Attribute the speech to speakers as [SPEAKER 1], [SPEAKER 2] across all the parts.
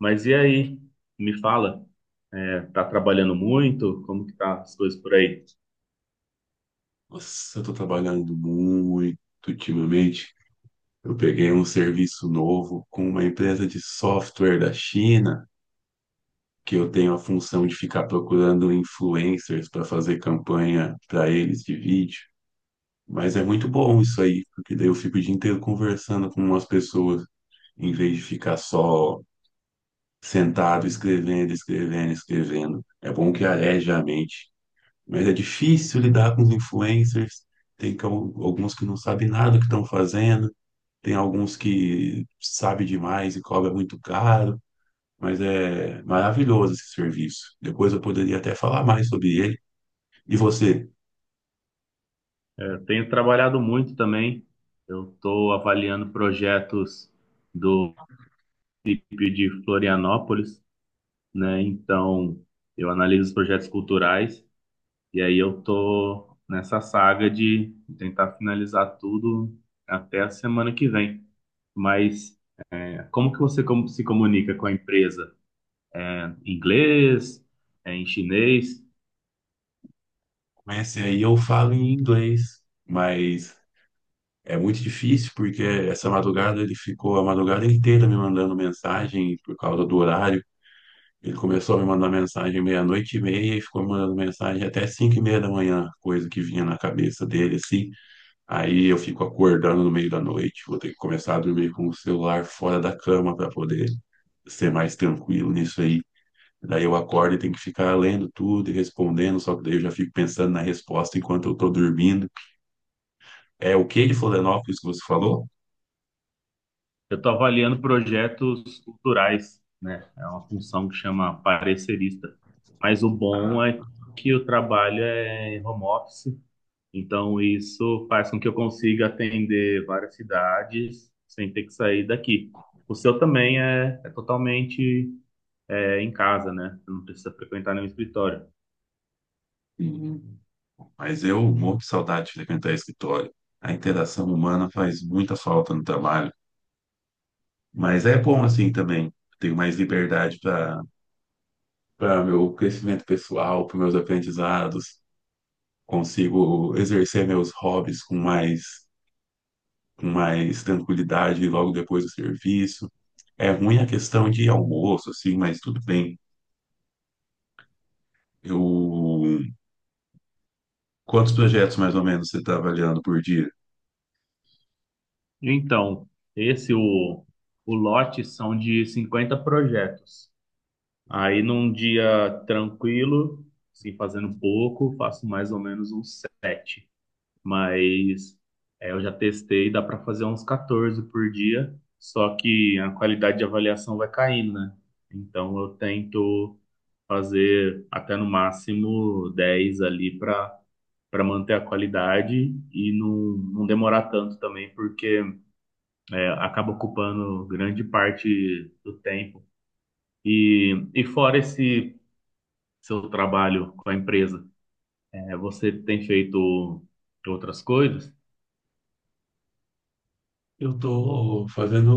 [SPEAKER 1] Mas e aí? Me fala, tá trabalhando muito? Como que tá as coisas por aí?
[SPEAKER 2] Nossa, eu tô trabalhando muito ultimamente. Eu peguei um serviço novo com uma empresa de software da China, que eu tenho a função de ficar procurando influencers para fazer campanha para eles de vídeo. Mas é muito bom isso aí, porque daí eu fico o dia inteiro conversando com umas pessoas, em vez de ficar só sentado escrevendo, escrevendo, escrevendo. É bom que areja a mente. Mas é difícil lidar com os influencers. Alguns que não sabem nada do que estão fazendo, tem alguns que sabem demais e cobra muito caro, mas é maravilhoso esse serviço. Depois eu poderia até falar mais sobre ele. E você,
[SPEAKER 1] Eu tenho trabalhado muito também. Eu estou avaliando projetos do município de Florianópolis, né? Então, eu analiso os projetos culturais e aí eu estou nessa saga de tentar finalizar tudo até a semana que vem. Mas como que se comunica com a empresa? Em inglês? Em chinês?
[SPEAKER 2] com esse aí eu falo em inglês, mas é muito difícil porque essa madrugada ele ficou a madrugada inteira me mandando mensagem por causa do horário. Ele começou a me mandar mensagem meia-noite e meia e ficou me mandando mensagem até 5:30 da manhã, coisa que vinha na cabeça dele, assim. Aí eu fico acordando no meio da noite, vou ter que começar a dormir com o celular fora da cama para poder ser mais tranquilo nisso aí. Daí eu acordo e tenho que ficar lendo tudo e respondendo, só que daí eu já fico pensando na resposta enquanto eu tô dormindo. É o que de Florianópolis que você falou?
[SPEAKER 1] Eu estou avaliando projetos culturais, né? É uma função que chama parecerista. Mas o bom é que o trabalho é em home office, então isso faz com que eu consiga atender várias cidades sem ter que sair daqui. O seu também é, é totalmente em casa, né? Você não precisa frequentar nenhum escritório.
[SPEAKER 2] Uhum. Mas eu morro de saudade de frequentar escritório. A interação humana faz muita falta no trabalho. Mas é bom assim também. Tenho mais liberdade para meu crescimento pessoal, para meus aprendizados. Consigo exercer meus hobbies com mais tranquilidade logo depois do serviço. É ruim a questão de almoço, assim, mas tudo bem. Eu... Quantos projetos mais ou menos você está avaliando por dia?
[SPEAKER 1] Então, esse, o, o lote são de 50 projetos. Aí num dia tranquilo, assim, fazendo pouco, faço mais ou menos uns sete. Mas eu já testei, dá para fazer uns 14 por dia, só que a qualidade de avaliação vai caindo, né? Então eu tento fazer até no máximo 10 ali para manter a qualidade e não, não demorar tanto também, porque acaba ocupando grande parte do tempo. E fora esse seu trabalho com a empresa? É, você tem feito outras coisas?
[SPEAKER 2] Eu estou fazendo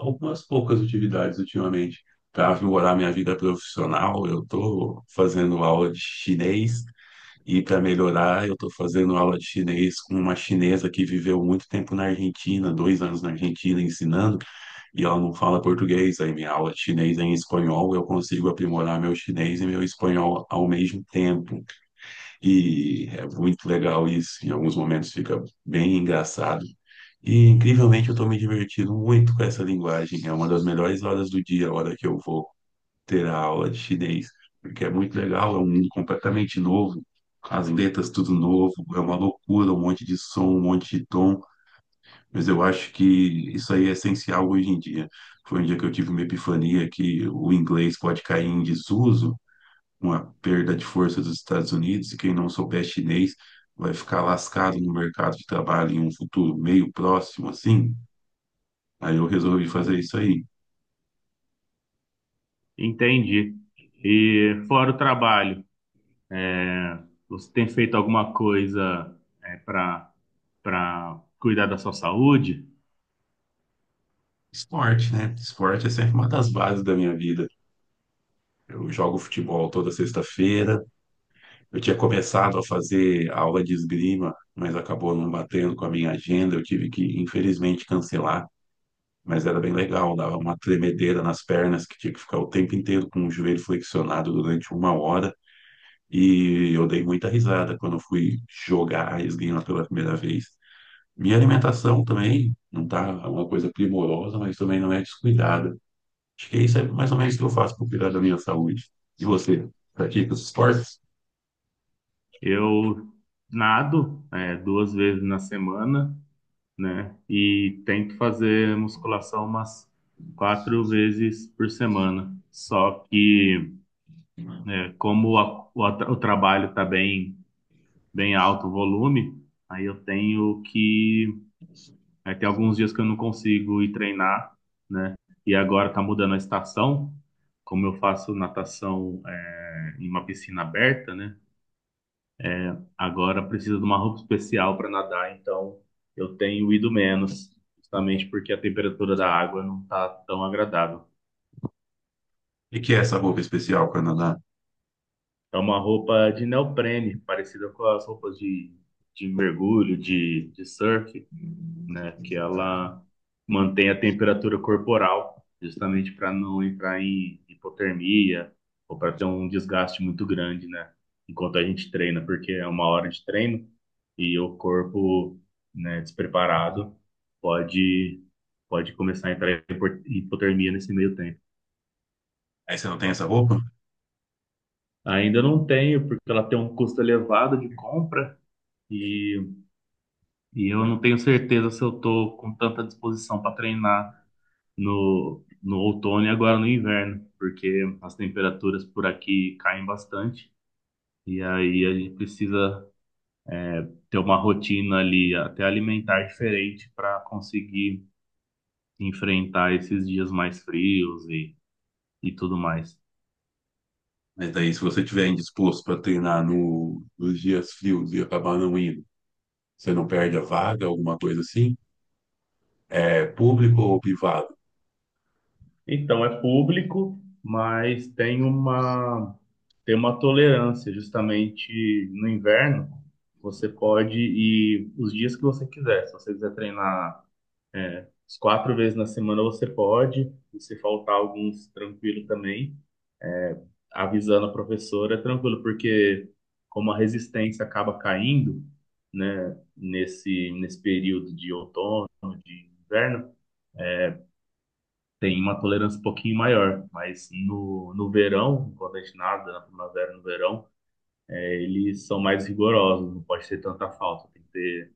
[SPEAKER 2] algumas poucas atividades ultimamente. Para melhorar minha vida profissional, eu estou fazendo aula de chinês e para melhorar, eu estou fazendo aula de chinês com uma chinesa que viveu muito tempo na Argentina, 2 anos na Argentina ensinando, e ela não fala português. Aí minha aula de chinês é em espanhol, eu consigo aprimorar meu chinês e meu espanhol ao mesmo tempo. E é muito legal isso. Em alguns momentos fica bem engraçado. E incrivelmente eu estou me divertindo muito com essa linguagem. É uma das melhores horas do dia, a hora que eu vou ter a aula de chinês, porque é muito legal, é um mundo completamente novo. As letras tudo novo, é uma loucura, um monte de som, um monte de tom, mas eu acho que isso aí é essencial hoje em dia. Foi um dia que eu tive uma epifania que o inglês pode cair em desuso, uma perda de força dos Estados Unidos, e quem não souber chinês vai ficar lascado no mercado de trabalho em um futuro meio próximo, assim. Aí eu resolvi fazer isso aí.
[SPEAKER 1] Entendi. E fora o trabalho, você tem feito alguma coisa para cuidar da sua saúde?
[SPEAKER 2] Esporte, né? Esporte é sempre uma das bases da minha vida. Eu jogo futebol toda sexta-feira. Eu tinha começado a fazer aula de esgrima, mas acabou não batendo com a minha agenda. Eu tive que, infelizmente, cancelar. Mas era bem legal, dava uma tremedeira nas pernas, que tinha que ficar o tempo inteiro com o joelho flexionado durante uma hora. E eu dei muita risada quando eu fui jogar esgrima pela primeira vez. Minha alimentação também não tá uma coisa primorosa, mas também não é descuidada. Acho que isso é mais ou menos o que eu faço para cuidar da minha saúde. E você, pratica os esportes?
[SPEAKER 1] Eu nado duas vezes na semana, né? E tento fazer musculação umas quatro vezes por semana. Só que como o trabalho está bem alto o volume, aí eu tenho que. Aí tem alguns dias que eu não consigo ir treinar, né? E agora tá mudando a estação, como eu faço natação em uma piscina aberta, né? Agora precisa de uma roupa especial para nadar, então eu tenho ido menos, justamente porque a temperatura da água não tá tão agradável.
[SPEAKER 2] E que é essa roupa especial, Canadá?
[SPEAKER 1] É uma roupa de neoprene, parecida com as roupas de mergulho, de surf, né? Que ela mantém a temperatura corporal, justamente para não entrar em hipotermia ou para ter um desgaste muito grande, né? Enquanto a gente treina, porque é uma hora de treino e o corpo, né, despreparado pode pode começar a entrar em hipotermia nesse meio tempo.
[SPEAKER 2] Aí você não tem essa roupa?
[SPEAKER 1] Ainda não tenho, porque ela tem um custo elevado de compra e, e eu não tenho certeza se eu estou com tanta disposição para treinar no outono e agora no inverno, porque as temperaturas por aqui caem bastante e aí a gente precisa ter uma rotina ali, até alimentar diferente para conseguir enfrentar esses dias mais frios e tudo mais.
[SPEAKER 2] Mas daí, se você estiver indisposto para treinar nos dias frios e acabar não indo, você não perde a vaga, alguma coisa assim? É público ou privado?
[SPEAKER 1] Então é público, mas tem uma tolerância justamente no inverno. Você pode ir os dias que você quiser. Se você quiser treinar as quatro vezes na semana você pode, e se faltar alguns, tranquilo também. Avisando a professora, é tranquilo, porque como a resistência acaba caindo, né, nesse período de outono, de inverno, tem uma tolerância um pouquinho maior. Mas no verão, quando a gente nada na primavera, no verão, eles são mais rigorosos, não pode ter tanta falta, tem que ter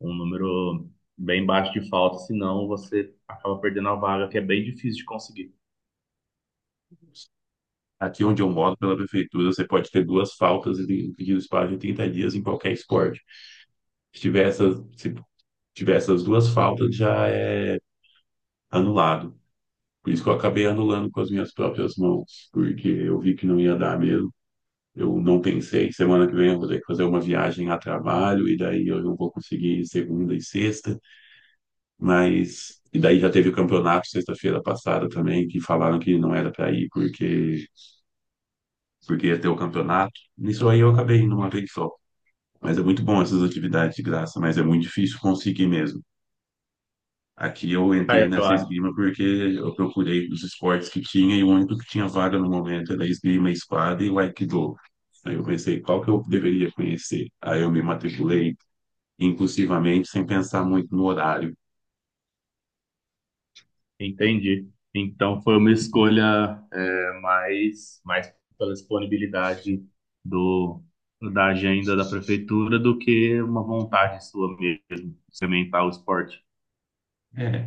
[SPEAKER 1] um número bem baixo de falta, senão você acaba perdendo a vaga, que é bem difícil de conseguir.
[SPEAKER 2] Aqui onde eu moro, pela prefeitura, você pode ter duas faltas e pedir espaço de 30 dias em qualquer esporte. Se tiver essas duas faltas, já é anulado. Por isso que eu acabei anulando com as minhas próprias mãos, porque eu vi que não ia dar mesmo. Eu não pensei, semana que vem eu vou ter que fazer uma viagem a trabalho, e daí eu não vou conseguir segunda e sexta, mas. E daí já teve o campeonato sexta-feira passada também, que falaram que não era para ir porque ia ter o campeonato. Nisso aí eu acabei indo uma vez só. Mas é muito bom essas atividades de graça, mas é muito difícil conseguir mesmo. Aqui eu entrei
[SPEAKER 1] Ah, eu
[SPEAKER 2] nessa
[SPEAKER 1] acho
[SPEAKER 2] esgrima porque eu procurei os esportes que tinha e o único que tinha vaga no momento era esgrima, espada e o aikido. Aí eu pensei, qual que eu deveria conhecer? Aí eu me matriculei impulsivamente, sem pensar muito no horário.
[SPEAKER 1] Entendi. Então foi uma escolha mais pela disponibilidade do, da agenda da prefeitura do que uma vontade sua mesmo, de sementar o esporte.
[SPEAKER 2] É,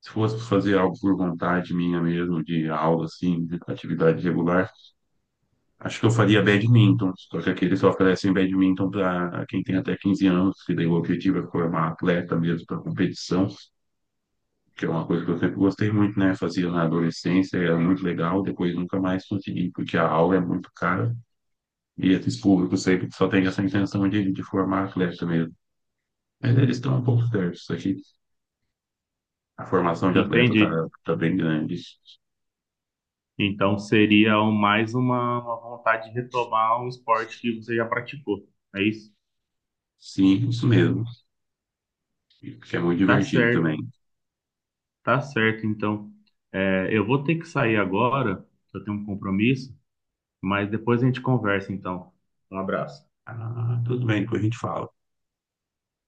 [SPEAKER 2] se fosse fazer algo por vontade minha mesmo, de aula, assim, de atividade regular, acho que eu faria badminton, só que aqui eles só oferecem badminton para quem tem até 15 anos, que daí o objetivo é formar atleta mesmo para competição, que é uma coisa que eu sempre gostei muito, né? Fazia na adolescência, era muito legal, depois nunca mais consegui, porque a aula é muito cara e esses públicos sempre só têm essa intenção de formar atleta mesmo. Mas eles estão um pouco certos aqui. A formação de atleta tá,
[SPEAKER 1] Entendi.
[SPEAKER 2] tá bem grande.
[SPEAKER 1] Então seria uma vontade de retomar um esporte que você já praticou. É isso?
[SPEAKER 2] Sim, isso mesmo, que é muito
[SPEAKER 1] Tá
[SPEAKER 2] divertido também.
[SPEAKER 1] certo, tá certo. Então é, eu vou ter que sair agora, eu tenho um compromisso, mas depois a gente conversa, então. Um abraço.
[SPEAKER 2] Ah, tudo bem, depois a gente fala.